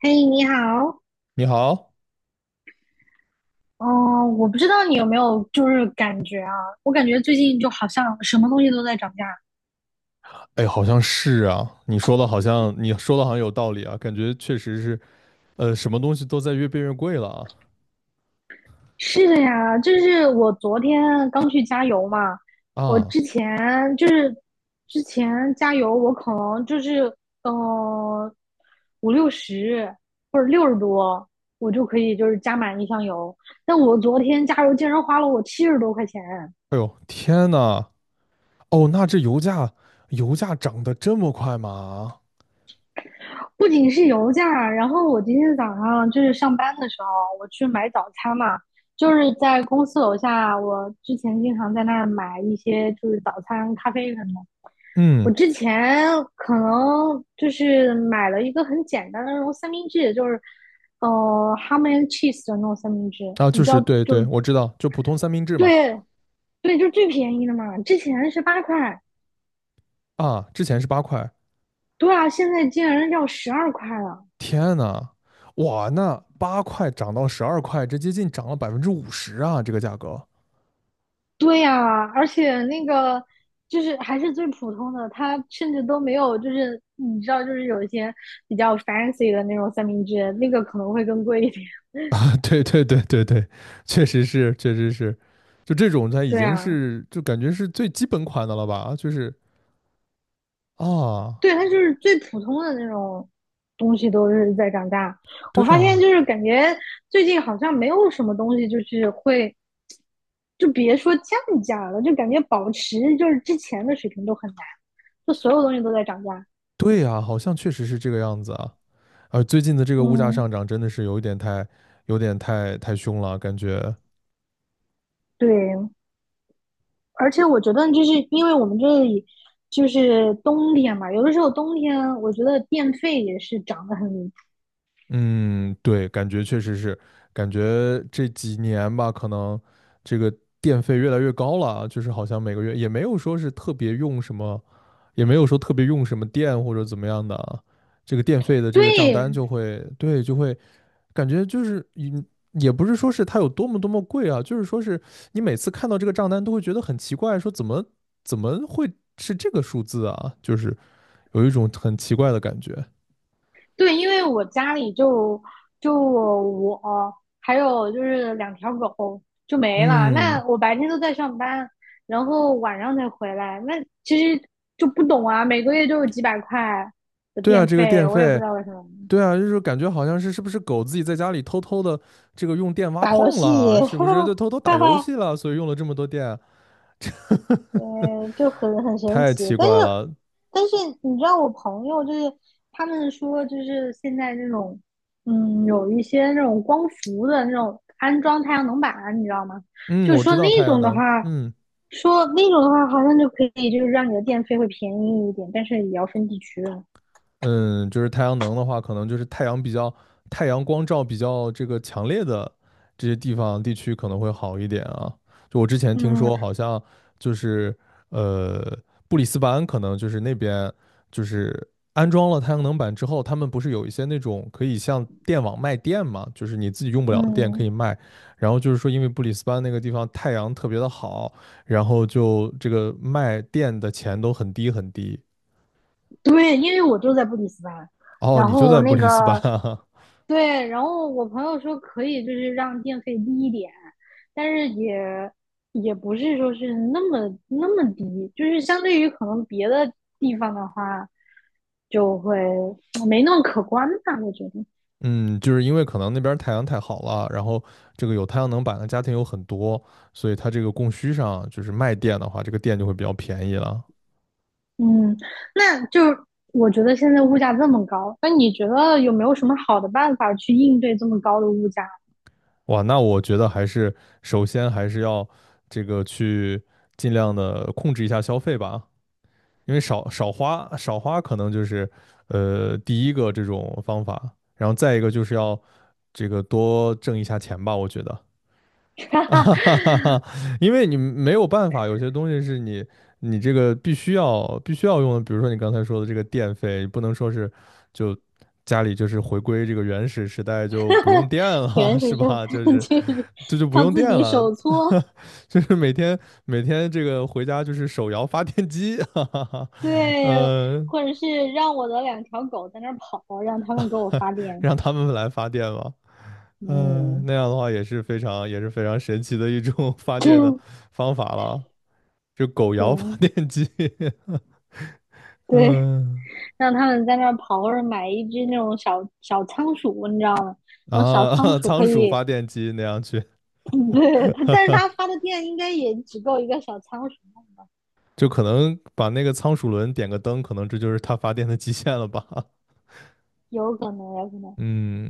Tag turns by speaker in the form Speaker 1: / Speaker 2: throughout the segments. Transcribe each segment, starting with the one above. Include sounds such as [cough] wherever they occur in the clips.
Speaker 1: 嘿，你好。
Speaker 2: 你好。
Speaker 1: 哦，我不知道你有没有就是感觉啊，我感觉最近就好像什么东西都在涨价。
Speaker 2: 哎，好像是啊，你说的好像有道理啊，感觉确实是，什么东西都在越变越贵了。
Speaker 1: 是的呀，就是我昨天刚去加油嘛，
Speaker 2: 啊
Speaker 1: 我
Speaker 2: 啊！
Speaker 1: 之前就是之前加油，我可能就是嗯五六十或者60多，我就可以就是加满一箱油。但我昨天加油竟然花了我70多块钱。
Speaker 2: 哎呦，天呐。哦，那这油价涨得这么快吗？
Speaker 1: 不仅是油价，然后我今天早上就是上班的时候，我去买早餐嘛，就是在公司楼下，我之前经常在那儿买一些就是早餐、咖啡什么的。我
Speaker 2: 嗯。
Speaker 1: 之前可能就是买了一个很简单的那种三明治，就是呃 ham and cheese 的那种三明治，
Speaker 2: 啊，
Speaker 1: 你
Speaker 2: 就
Speaker 1: 知
Speaker 2: 是
Speaker 1: 道
Speaker 2: 对
Speaker 1: 就
Speaker 2: 对，我知道，就普通三明治嘛。
Speaker 1: 对，对，就最便宜的嘛，之前是8块，
Speaker 2: 啊，之前是八块。
Speaker 1: 对啊，现在竟然要12块了。
Speaker 2: 天呐。哇，那八块涨到十二块，这接近涨了百分之五十啊，这个价格。
Speaker 1: 对呀，而且那个就是还是最普通的，它甚至都没有，就是你知道，就是有一些比较 fancy 的那种三明治，那个可能会更贵一点。
Speaker 2: [laughs] 啊，对对对对对，确实是，确实是。就这种它
Speaker 1: [laughs]
Speaker 2: 已
Speaker 1: 对
Speaker 2: 经
Speaker 1: 啊，
Speaker 2: 是，就感觉是最基本款的了吧？就是啊，
Speaker 1: 对，它就是最普通的那种东西都是在涨价。
Speaker 2: 对
Speaker 1: 我发现
Speaker 2: 啊。
Speaker 1: 就是感觉最近好像没有什么东西就是会，就别说降价了，就感觉保持就是之前的水平都很难，就所有东西都在涨价。
Speaker 2: 对啊，好像确实是这个样子啊。啊，最近的这个物价
Speaker 1: 嗯，
Speaker 2: 上涨真的是有一点太，有点太凶了，感觉。
Speaker 1: 对，而且我觉得，就是因为我们这里就是冬天嘛，有的时候冬天我觉得电费也是涨得很离谱。
Speaker 2: 嗯，对，感觉确实是。感觉这几年吧，可能这个电费越来越高了啊，就是好像每个月也没有说是特别用什么，也没有说特别用什么电或者怎么样的啊，这个电费的这个账
Speaker 1: 对
Speaker 2: 单就会，对，就会感觉就是，嗯，也不是说是它有多么多么贵啊，就是说是你每次看到这个账单都会觉得很奇怪，说怎么会是这个数字啊，就是有一种很奇怪的感觉。
Speaker 1: 对，因为我家里就我还有就是两条狗就没了，
Speaker 2: 嗯。
Speaker 1: 那我白天都在上班，然后晚上才回来，那其实就不懂啊，每个月就有几百块的
Speaker 2: 对啊，
Speaker 1: 电
Speaker 2: 这个
Speaker 1: 费，
Speaker 2: 电
Speaker 1: 我也不
Speaker 2: 费。
Speaker 1: 知道为什么。
Speaker 2: 对啊，就是感觉好像是是不是狗自己在家里偷偷的这个用电挖
Speaker 1: 打游
Speaker 2: 矿
Speaker 1: 戏，
Speaker 2: 了，
Speaker 1: [laughs]
Speaker 2: 是不是
Speaker 1: 哈
Speaker 2: 就偷偷打
Speaker 1: 哈
Speaker 2: 游
Speaker 1: 哈。
Speaker 2: 戏了，所以用了这么多电。
Speaker 1: 就很神
Speaker 2: 太
Speaker 1: 奇，
Speaker 2: 奇
Speaker 1: 但是，
Speaker 2: 怪了。
Speaker 1: 但是你知道，我朋友就是他们说，就是现在那种，有一些那种光伏的那种安装太阳能板啊，你知道吗？
Speaker 2: 嗯，
Speaker 1: 就
Speaker 2: 我知
Speaker 1: 说
Speaker 2: 道太
Speaker 1: 那
Speaker 2: 阳
Speaker 1: 种的话，
Speaker 2: 能。嗯
Speaker 1: 说那种的话，好像就可以，就是让你的电费会便宜一点，但是也要分地区。
Speaker 2: 嗯，就是太阳能的话，可能就是太阳光照比较这个强烈的这些地方地区可能会好一点啊。就我之前听
Speaker 1: 嗯
Speaker 2: 说，好像就是呃布里斯班可能就是那边就是安装了太阳能板之后，他们不是有一些那种可以像电网卖电嘛，就是你自己用不了的电可以
Speaker 1: 嗯，
Speaker 2: 卖。然后就是说，因为布里斯班那个地方太阳特别的好，然后就这个卖电的钱都很低很低。
Speaker 1: 对，因为我就在布里斯班，
Speaker 2: 哦，
Speaker 1: 然
Speaker 2: 你就在
Speaker 1: 后
Speaker 2: 布
Speaker 1: 那
Speaker 2: 里斯班
Speaker 1: 个
Speaker 2: 啊。[laughs]
Speaker 1: 对，然后我朋友说可以，就是让电费低一点，但是也不是说是那么那么低，就是相对于可能别的地方的话，就会没那么可观吧，我觉得。
Speaker 2: 嗯，就是因为可能那边太阳太好了，然后这个有太阳能板的家庭有很多，所以它这个供需上就是卖电的话，这个电就会比较便宜了。
Speaker 1: 嗯，那就是我觉得现在物价这么高，那你觉得有没有什么好的办法去应对这么高的物价？
Speaker 2: 哇，那我觉得还是首先还是要这个去尽量的控制一下消费吧，因为少花可能就是第一个这种方法，然后再一个就是要这个多挣一下钱吧，我觉得。[laughs] 啊哈哈哈哈，因为你没有办法，有些东西是你这个必须要用的，比如说你刚才说的这个电费，不能说是就家里就是回归这个原始时代就不用
Speaker 1: [laughs]
Speaker 2: 电了，[laughs]
Speaker 1: 原始
Speaker 2: 是
Speaker 1: 社
Speaker 2: 吧？就
Speaker 1: 会
Speaker 2: 是
Speaker 1: 就是
Speaker 2: 这就不
Speaker 1: 靠
Speaker 2: 用
Speaker 1: 自
Speaker 2: 电
Speaker 1: 己
Speaker 2: 了。
Speaker 1: 手搓，
Speaker 2: [laughs] 就是每天这个回家就是手摇发电机，[laughs] 哈哈哈。
Speaker 1: 对，
Speaker 2: 呃，
Speaker 1: 或者是让我的两条狗在那儿跑，让他们给我发
Speaker 2: [laughs]
Speaker 1: 电。
Speaker 2: 让他们来发电吧。嗯、
Speaker 1: 嗯，
Speaker 2: 那样的话也是非常神奇的一种 [laughs] 发电的
Speaker 1: [laughs]
Speaker 2: 方法了。就狗摇发
Speaker 1: 对
Speaker 2: 电机。
Speaker 1: 对，
Speaker 2: 嗯
Speaker 1: 让他们在那儿跑，或者买一只那种小小仓鼠，你知道吗？那种小仓
Speaker 2: 啊，[laughs]
Speaker 1: 鼠
Speaker 2: 仓
Speaker 1: 可
Speaker 2: 鼠
Speaker 1: 以，
Speaker 2: 发电机那样去，
Speaker 1: [laughs] 对它，但是它发的电应该也只够一个小仓鼠，
Speaker 2: 就可能把那个仓鼠轮点个灯，可能这就是它发电的极限了吧？
Speaker 1: 有可能，有可能。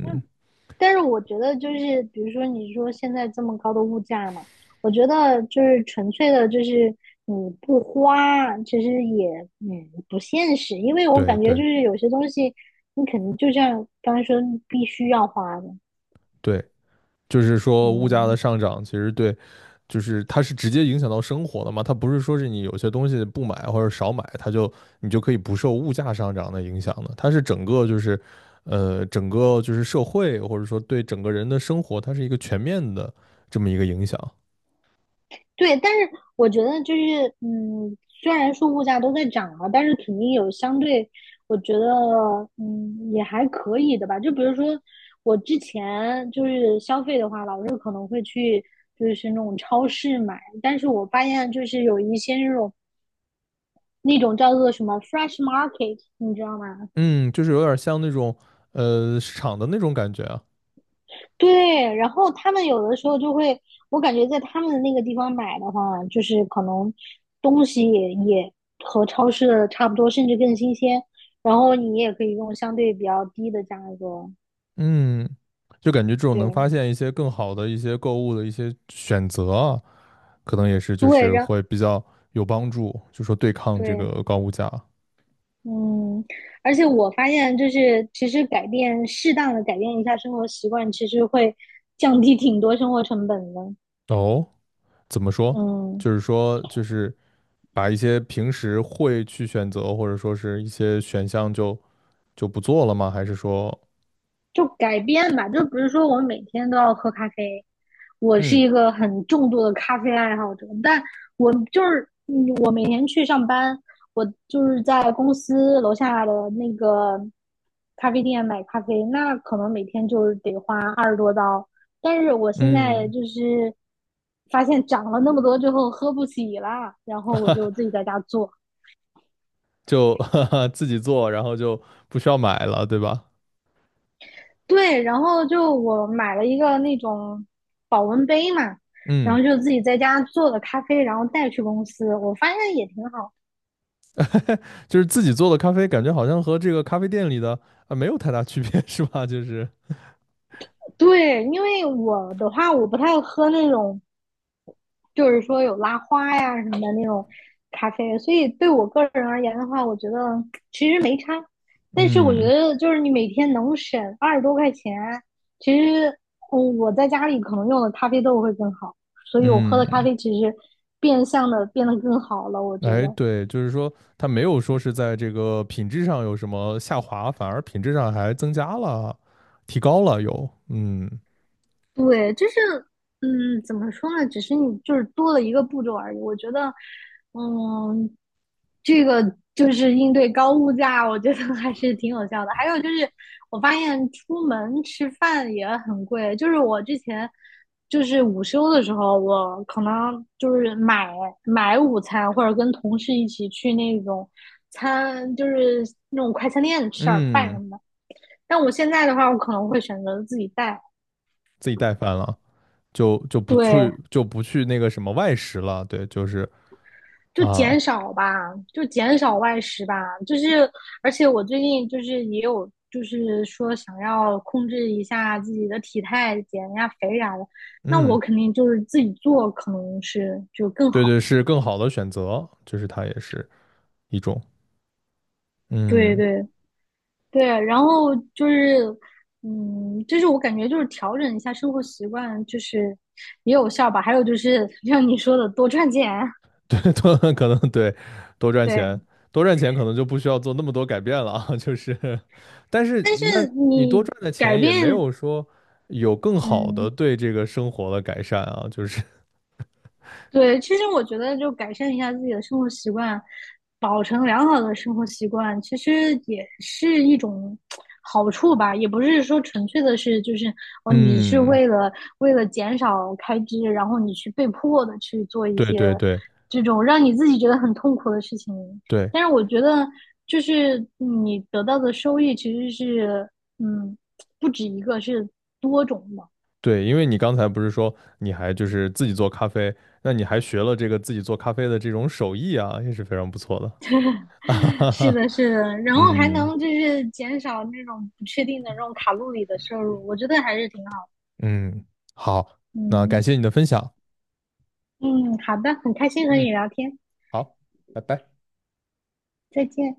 Speaker 1: 那，但是我觉得就是，比如说你说现在这么高的物价嘛，我觉得就是纯粹的，就是你不花，其实也不现实，因为我
Speaker 2: 对
Speaker 1: 感觉就
Speaker 2: 对
Speaker 1: 是有些东西你肯定就像刚才说，你必须要花的，
Speaker 2: 对。就是说物价的
Speaker 1: 嗯。
Speaker 2: 上涨，其实对，就是它是直接影响到生活的嘛，它不是说是你有些东西不买或者少买，它就你就可以不受物价上涨的影响的，它是整个就是，整个就是社会或者说对整个人的生活，它是一个全面的这么一个影响。
Speaker 1: 对，但是我觉得就是，虽然说物价都在涨嘛，但是肯定有相对，我觉得，也还可以的吧。就比如说我之前就是消费的话，老是可能会去就是那种超市买，但是我发现就是有一些那种叫做什么 fresh market，你知道吗？
Speaker 2: 嗯，就是有点像那种市场的那种感觉啊。
Speaker 1: 对，然后他们有的时候就会，我感觉在他们的那个地方买的话，就是可能东西也和超市的差不多，甚至更新鲜。然后你也可以用相对比较低的价格，
Speaker 2: 嗯，就感觉这种能
Speaker 1: 对
Speaker 2: 发现一些更好的一些购物的一些选择啊，可能也是就
Speaker 1: 对，
Speaker 2: 是会比较有帮助，就说对抗这
Speaker 1: 对，
Speaker 2: 个高物价。
Speaker 1: 嗯，而且我发现就是其实适当的改变一下生活习惯，其实会降低挺多生活成本的，
Speaker 2: 哦，怎么说？
Speaker 1: 嗯。
Speaker 2: 就是说把一些平时会去选择或者说是一些选项就就不做了吗？还是说
Speaker 1: 就改变吧，就比如说我每天都要喝咖啡，我是
Speaker 2: 嗯
Speaker 1: 一个很重度的咖啡爱好者，但我就是嗯我每天去上班，我就是在公司楼下的那个咖啡店买咖啡，那可能每天就是得花20多刀，但是我现在
Speaker 2: 嗯
Speaker 1: 就是发现涨了那么多之后喝不起了，然后我就自己在家做。
Speaker 2: 就 [laughs] 哈哈自己做，然后就不需要买了，对吧？
Speaker 1: 对，然后就我买了一个那种保温杯嘛，然
Speaker 2: 嗯。
Speaker 1: 后就自己在家做的咖啡，然后带去公司，我发现也挺好。
Speaker 2: 就是自己做的咖啡，感觉好像和这个咖啡店里的啊没有太大区别，是吧？[laughs] 就是
Speaker 1: 对，因为我的话，我不太喝那种就是说有拉花呀什么的那种咖啡，所以对我个人而言的话，我觉得其实没差。但是我觉
Speaker 2: 嗯
Speaker 1: 得就是你每天能省20多块钱，其实我在家里可能用的咖啡豆会更好，所以我喝的咖
Speaker 2: 嗯，
Speaker 1: 啡其实变相的变得更好了，我觉
Speaker 2: 哎，
Speaker 1: 得。
Speaker 2: 对，就是说它没有说是在这个品质上有什么下滑，反而品质上还增加了，提高了有，嗯
Speaker 1: 对，就是，怎么说呢？只是你就是多了一个步骤而已。我觉得，嗯，这个就是应对高物价，我觉得 [laughs] 还是挺有效的。还有就是，我发现出门吃饭也很贵。就是我之前就是午休的时候，我可能就是买午餐，或者跟同事一起去那种餐，就是那种快餐店吃点儿饭什
Speaker 2: 嗯，
Speaker 1: 么的。但我现在的话，我可能会选择自己带。
Speaker 2: 自己带饭了，就就不去
Speaker 1: 对，
Speaker 2: 就不去那个什么外食了，对，就是
Speaker 1: 就减
Speaker 2: 啊，
Speaker 1: 少吧，就减少外食吧。就是，而且我最近就是也有，就是说想要控制一下自己的体态，减一下肥啥的。那
Speaker 2: 嗯，
Speaker 1: 我肯定就是自己做，可能是就更
Speaker 2: 对
Speaker 1: 好。
Speaker 2: 对，是更好的选择，就是它也是一种。
Speaker 1: 对
Speaker 2: 嗯。
Speaker 1: 对对，然后就是，就是我感觉就是调整一下生活习惯，就是也有效吧。还有就是像你说的，多赚钱。[laughs]
Speaker 2: 对，多 [laughs] 可能对，多赚钱。
Speaker 1: 对，
Speaker 2: 多赚钱可能就不需要做那么多改变了啊，就是。[laughs] 但是
Speaker 1: 但是
Speaker 2: 那你多
Speaker 1: 你
Speaker 2: 赚的
Speaker 1: 改
Speaker 2: 钱也没
Speaker 1: 变，
Speaker 2: 有说有更好的
Speaker 1: 嗯，
Speaker 2: 对这个生活的改善啊，就是
Speaker 1: 对，其实我觉得就改善一下自己的生活习惯，保持良好的生活习惯，其实也是一种好处吧。也不是说纯粹的是就是
Speaker 2: [laughs]，
Speaker 1: 哦，你是
Speaker 2: 嗯，
Speaker 1: 为了减少开支，然后你去被迫的去做一
Speaker 2: 对
Speaker 1: 些
Speaker 2: 对对
Speaker 1: 这种让你自己觉得很痛苦的事情。
Speaker 2: 对
Speaker 1: 但是我觉得，就是你得到的收益其实是嗯，不止一个，是多种的。
Speaker 2: 对，因为你刚才不是说你还就是自己做咖啡，那你还学了这个自己做咖啡的这种手艺啊，也是非常不错的。[laughs] 啊哈
Speaker 1: 是
Speaker 2: 哈，
Speaker 1: 的，是的，然后还
Speaker 2: 嗯
Speaker 1: 能就是减少那种不确定的这种卡路里的摄入，我觉得还是挺好。
Speaker 2: 嗯，好，那感
Speaker 1: 嗯
Speaker 2: 谢你的分享。
Speaker 1: 嗯，好的，很开心和你
Speaker 2: 嗯，
Speaker 1: 聊天，
Speaker 2: 好，拜拜。
Speaker 1: 再见。